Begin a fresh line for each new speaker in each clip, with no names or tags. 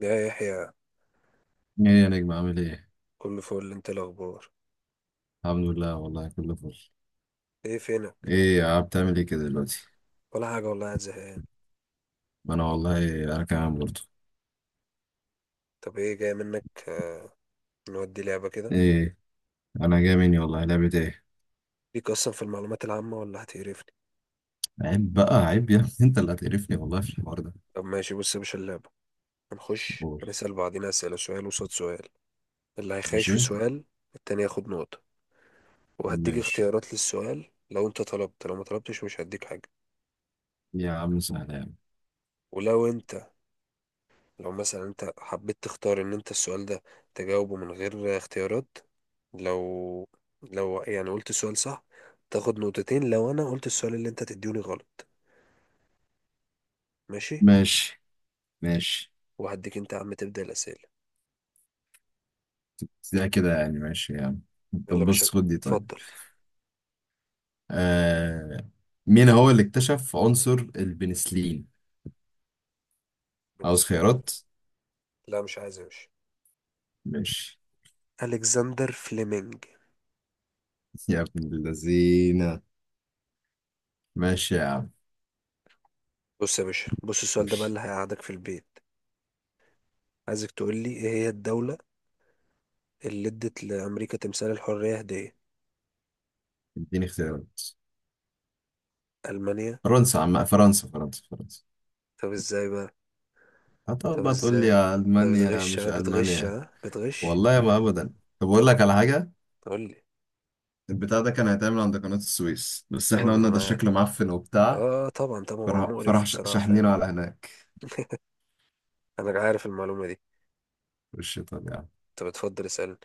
يا يحيى،
ايه يا نجم عامل ايه؟
كل فول. انت إيه الاخبار؟
الحمد لله والله كله فل.
ايه فينك؟
ايه يا عم بتعمل ايه كده دلوقتي؟
ولا حاجه والله، قاعد زهقان.
ما انا والله انا كمان برضه.
طب ايه جاي منك؟ آه، نودي لعبه كده.
ايه، انا جاي مني والله لعبة ايه؟
ليك اصلا في المعلومات العامه ولا هتقرفني؟
عيب بقى عيب يا ابني. انت اللي هتقرفني والله في الحوار ده.
طب ماشي، بص يا باشا اللعبه. هنخش
قول.
هنسال بعضينا اسئله، سؤال وصاد سؤال. اللي هيخايش
ماشي.
في سؤال التاني ياخد نقطه. وهديك
ماشي
اختيارات للسؤال، لو انت طلبت. لو ما طلبتش مش هديك حاجه.
يا عم، سهلة يا عم.
ولو انت، لو مثلا انت حبيت تختار ان انت السؤال ده تجاوبه من غير اختيارات، لو، لو يعني قلت السؤال صح تاخد نقطتين. لو انا قلت السؤال اللي انت تديوني غلط. ماشي.
ماشي. ماشي.
وهديك انت يا عم تبدأ الأسئلة.
ده كده يعني ماشي يا عم.
يلا يا
طب
باشا.
بص خد دي طيب.
اتفضل.
آه، مين هو اللي اكتشف عنصر البنسلين؟ عاوز
بنسلين.
خيارات؟
لا مش عايز يا باشا.
ماشي.
ألكسندر فليمنج.
يا ابن اللذينة. ماشي يا عم.
بص يا باشا، بص السؤال ده
خش.
بقى اللي هيقعدك في البيت. عايزك تقول لي ايه هي الدولة اللي ادت لأمريكا تمثال الحرية هدية.
اديني اختيارات.
ألمانيا.
فرنسا عم، فرنسا، فرنسا، فرنسا.
طب ازاي بقى؟
هتقعد
طب
بقى تقول لي
ازاي؟
يا
ده
ألمانيا
بتغش،
مش
ها بتغش،
ألمانيا.
ها بتغش.
والله ما أبدا. طب أقول
طب
لك على حاجة.
قول لي.
البتاع ده كان هيتعمل عند قناة السويس، بس
طب
احنا قلنا
انا
ده
معاك.
شكله معفن وبتاع.
اه طبعا طبعا، هو مقرف بصراحة فعلا.
شاحنينه على هناك.
انا عارف المعلومة دي.
وش طب يعني.
طب اتفضل اسألني.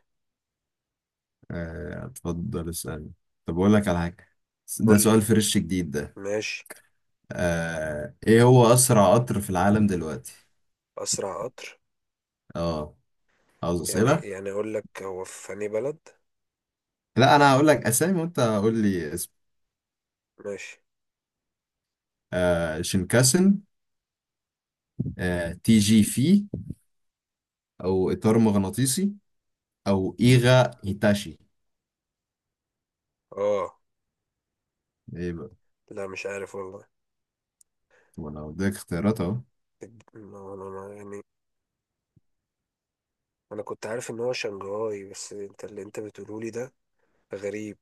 آه، اتفضل اسألني. طب أقول لك على حاجة. ده
قول لي.
سؤال فريش جديد ده.
ماشي.
آه، ايه هو أسرع قطر في العالم دلوقتي؟
اسرع قطر؟
اه. عاوز
يعني
أسئلة؟
يعني اقول لك هو في انهي بلد.
لا، أنا هقول لك أسامي وأنت قول لي اسم.
ماشي.
آه، شينكاسن. آه، تي جي في. او اطار مغناطيسي. او ايغا هيتاشي.
اه.
ايه بقى.
لا مش عارف والله.
وانا اديك اختيارات اهو.
يعني انا كنت عارف ان هو شنغهاي، بس انت اللي انت بتقوله لي ده غريب.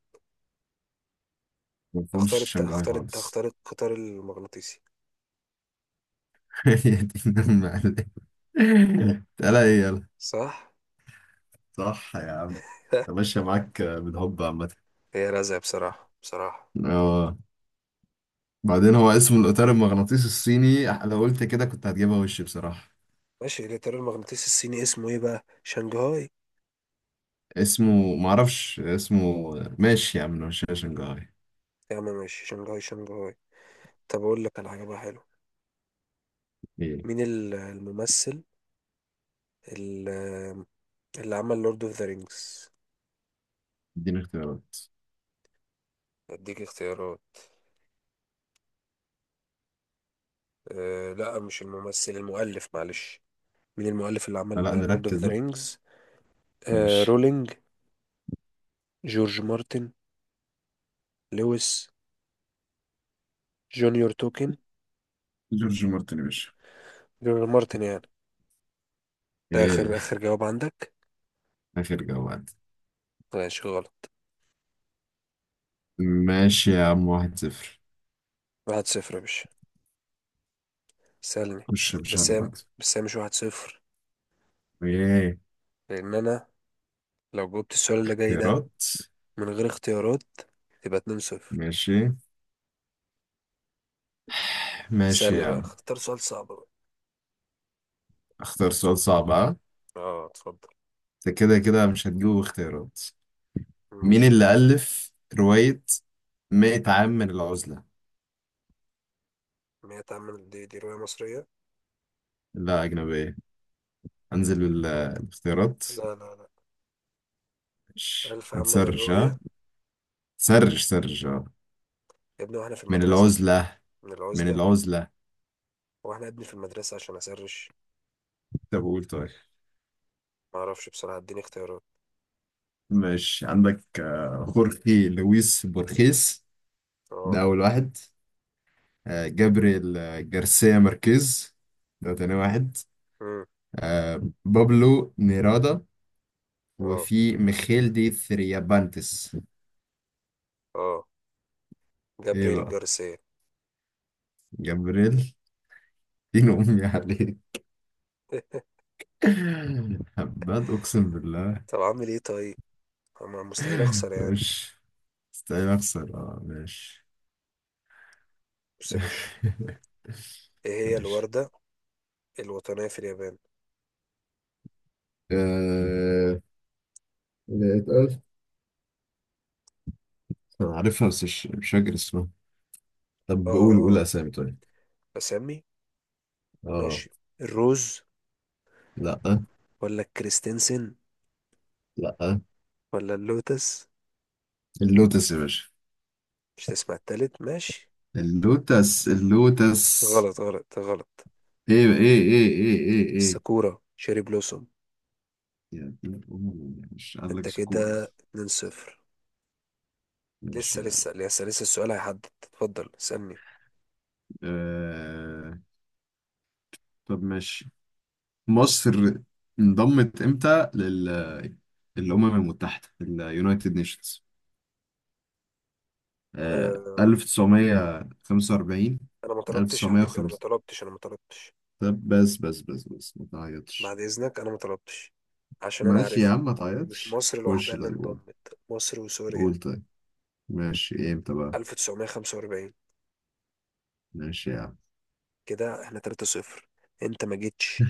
ما فهمش شنغهاي خالص.
اختار القطار المغناطيسي.
يا دين المعلم. تعالى ايه يلا.
صح.
صح يا عم. انت ماشية معاك بالهبة عامة.
هي رزق بصراحة بصراحة.
اه. بعدين هو اسمه الاطار المغناطيسي الصيني، لو قلت كده كنت هتجيبها وش بصراحة.
ماشي، الإطار المغناطيسي الصيني اسمه إيه بقى؟ شنغهاي.
اسمه معرفش اسمه. ماشي يا عم، مش شنغهاي.
يا عم ماشي، شنغهاي شنغهاي. طب أقول لك على حاجة بقى حلوة.
ايه.
مين الممثل، ال- اللي عمل لورد أوف ذا رينجز؟
اديني اختيارات.
أديك اختيارات. أه لا مش الممثل، المؤلف معلش. مين المؤلف اللي عمل
لا،
لورد أوف
نركز
ذا
بقى.
رينجز؟ أه
ماشي.
رولينج. جورج مارتن. لويس. جونيور توكن.
جورج مارتن يا باشا.
جورج مارتن يعني. ده آخر
ايه.
آخر جواب عندك؟
اخر جواد.
ماشي غلط.
ماشي يا عم، واحد صفر.
واحد صفر يا باشا. سألني.
خش يا باشا
بس
اللي
هي
بعده.
بس هي مش واحد صفر.
ايه.
لأن أنا لو جاوبت السؤال اللي جاي ده
اختيارات.
من غير اختيارات يبقى 2-0.
ماشي. ماشي
سألني
يا
بقى،
عم.
اختار سؤال صعب بقى.
اختار سؤال صعب اه.
اه اتفضل.
انت كده كده مش هتجيبه اختيارات. مين
ماشي.
اللي ألف رواية 100 عام من العزلة؟
مئة عام من دي رؤية مصرية؟
لا، أجنبية. أنزل الاختيارات.
لا لا لا.
ماشي
ألف عام من
هتسرش ها.
الرؤية؟
سرش سرش اه.
يا ابني واحنا في
من
المدرسة.
العزلة.
من
من
العزلة.
العزلة.
واحنا ابني في المدرسة عشان أسرش.
طب قول طيب.
معرفش بصراحة، اديني اختيارات.
ماشي، عندك آه، خورخي لويس بورخيس،
اه.
ده أول واحد. آه، جابريل آه، جارسيا ماركيز، ده تاني واحد.
مم.
آه، بابلو نيرادا.
اه
وفي ميخيل دي ثريابانتس.
اه
ايه
جابرييل
بقى.
جارسيا.
جابريل. دين امي عليه. هبات اقسم بالله.
طب أعمل ايه طيب؟ أما مستحيل أخسر يعني.
مش استحيل اخسر اه، ماشي.
بص يا باشا، ايه هي
ماشي.
الوردة الوطنية في اليابان؟
آه، اللي اتقال، انا عارفها بس مش فاكر اسمها. طب
اه
بقول
اه
قول
آه.
اسامي طيب.
اسامي.
اه.
ماشي. الروز،
لا.
ولا الكريستنسن،
لا.
ولا اللوتس؟
اللوتس يا باشا.
مش تسمع التالت، ماشي.
اللوتس. اللوتس.
غلط غلط غلط.
ايه، ايه، ايه، ايه، ايه، ايه.
الساكورا، شيري بلوسوم.
يا دين أمي، مش قال لك
انت كده
سكورة.
2-0.
ماشي.
لسه لسه لسه لسه، السؤال هيحدد. اتفضل اسألني.
آه... طب ماشي. مصر انضمت امتى لل الأمم المتحدة، اليونايتد نيشنز؟ آه...
أم،
1945.
انا ما طلبتش يا حبيبي، انا ما
1905.
طلبتش، انا ما طلبتش.
طب بس بس بس بس، ما تعيطش.
بعد اذنك انا ما طلبتش، عشان انا
ماشي يا
عارفها.
عم، ما
ومش
تعيطش.
مصر لوحدها
خش
اللي
طيب قول.
انضمت، مصر وسوريا.
قول طيب. ماشي، امتى بقى.
1945.
ماشي يا عم.
كده احنا 3-0. انت ما جيتش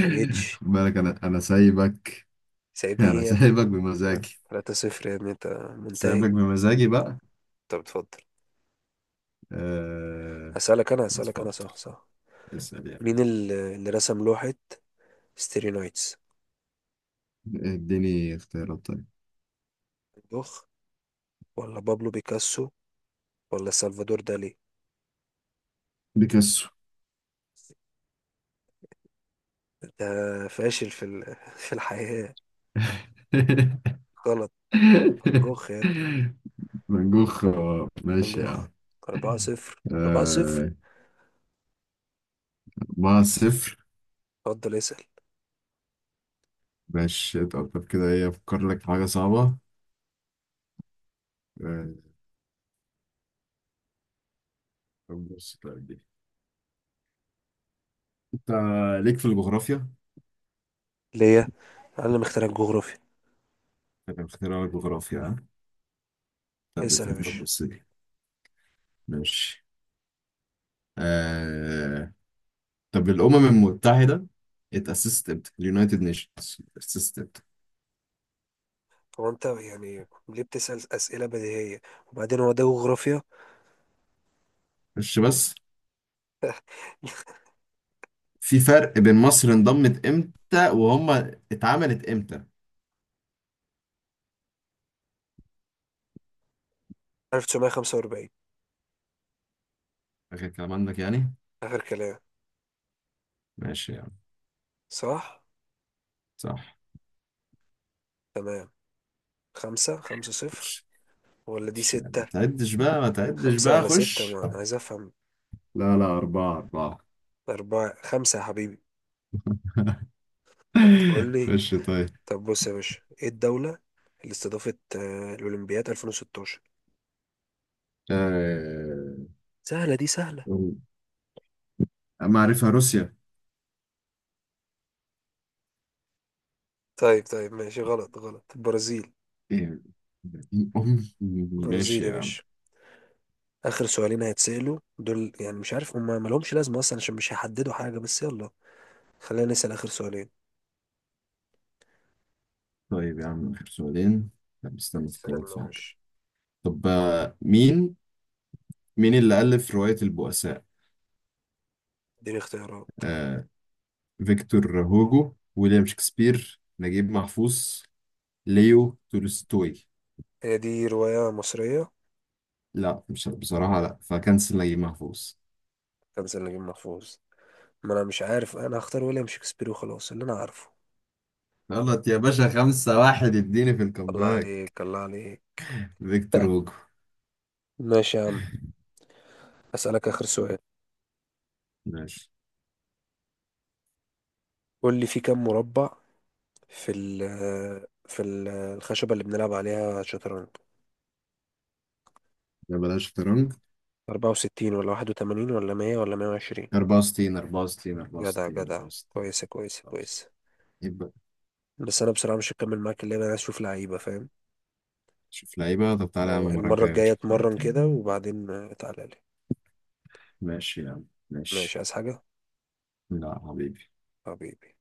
ما جيتش.
خد بالك انا سايبك.
سايبني
انا
ايه يا ابني؟
سايبك بمزاجي.
3 صفر يا ابني، انت منتهي.
سايبك بمزاجي بقى.
طب اتفضل.
أه...
هسألك انا
اتفضل.
صح صح.
اسأل
مين
يعني.
اللي رسم لوحة ستيري نايتس؟
اديني اختيارات طيب.
دوخ، ولا بابلو بيكاسو، ولا سلفادور دالي؟
بيكاسو.
انت فاشل في الحياة. غلط. فان جوخ يا ابني،
فان جوخ آه،
فان
ماشي
جوخ.
يعني.
4 صفر، 4 صفر.
آه، أربعة صفر.
اتفضل اسأل.
ماشي. طب طب كده، ايه أفكر لك في حاجة صعبة. آه، طب بص طيب دي. أنت ليك في الجغرافيا؟
ليه؟ انا اللي مخترع الجغرافيا.
أنا مختار لك جغرافيا ها؟ طب
اسأل يا
استنى، طب
باشا.
بص دي. ماشي. آه... طب الأمم المتحدة اتأسست امتى؟ اليونايتد نيشنز اتأسست امتى؟
هو انت يعني ليه بتسأل أسئلة بديهية؟ وبعدين هو ده جغرافيا؟
مش بس في فرق بين مصر انضمت امتى وهم اتعملت امتى؟
1945.
آخر كلام عندك يعني؟
آخر كلام.
ماشي يعني.
صح.
صح.
تمام. خمسة، خمسة صفر،
مش
ولا دي
مش يعني ما
ستة؟
تعدش بقى، ما تعدش
خمسة
بقى،
ولا ستة،
خش.
ما أنا عايز أفهم.
لا لا، أربعة أربعة.
أربعة خمسة يا حبيبي. هتقول لي.
خش طيب.
طب بص يا باشا، إيه الدولة اللي استضافت الأولمبياد 2016؟
آه...
سهلة دي سهلة.
معرفة روسيا.
طيب طيب ماشي، غلط غلط، البرازيل.
ايه. أم.
البرازيل
ماشي
يا
يا عم.
باشا. آخر سؤالين هيتسألوا دول يعني، مش عارف هما مالهمش لازمة أصلا عشان مش هيحددوا حاجة، بس يلا خلينا نسأل آخر سؤالين.
طيب يا عم، آخر سؤالين. طب استنى أفكر
سألنا
في
يا
حاجة.
باشا.
طب آه، مين مين اللي ألف رواية البؤساء؟
اديني اختيارات.
آه، فيكتور هوجو، ويليام شكسبير، نجيب محفوظ، ليو تولستوي.
هي دي رواية مصرية؟
لا مش بصراحة، لا فكنسل نجيب محفوظ.
خمسة نجيب محفوظ؟ ما انا مش عارف، انا هختار ويليام شكسبير وخلاص، اللي انا عارفه.
غلط يا باشا، خمسة واحد، اديني في
الله
الكامباك.
عليك، الله عليك.
فيكتور هوجو.
ماشي يا عم، اسالك اخر سؤال.
ماشي.
قول لي في كم مربع في ال الخشبة اللي بنلعب عليها شطرنج؟
ده بلاش شطرنج.
64 ولا 81 ولا 100 ولا 120؟
64، 64،
جدع
64،
جدع،
64.
كويسة كويسة كويسة.
يبقى.
بس انا بصراحة مش هكمل معاك اللعبة، انا عايز اشوف لعيبة فاهم.
شوف لعيبة. طب تعالى يا عم،
اه
المرة
المرة
الجاية
الجاية
نشوف لعيبة.
اتمرن كده وبعدين تعالى لي.
ماشي يا عم،
ماشي،
ماشي.
عايز حاجة؟
لا حبيبي.
حبيبي.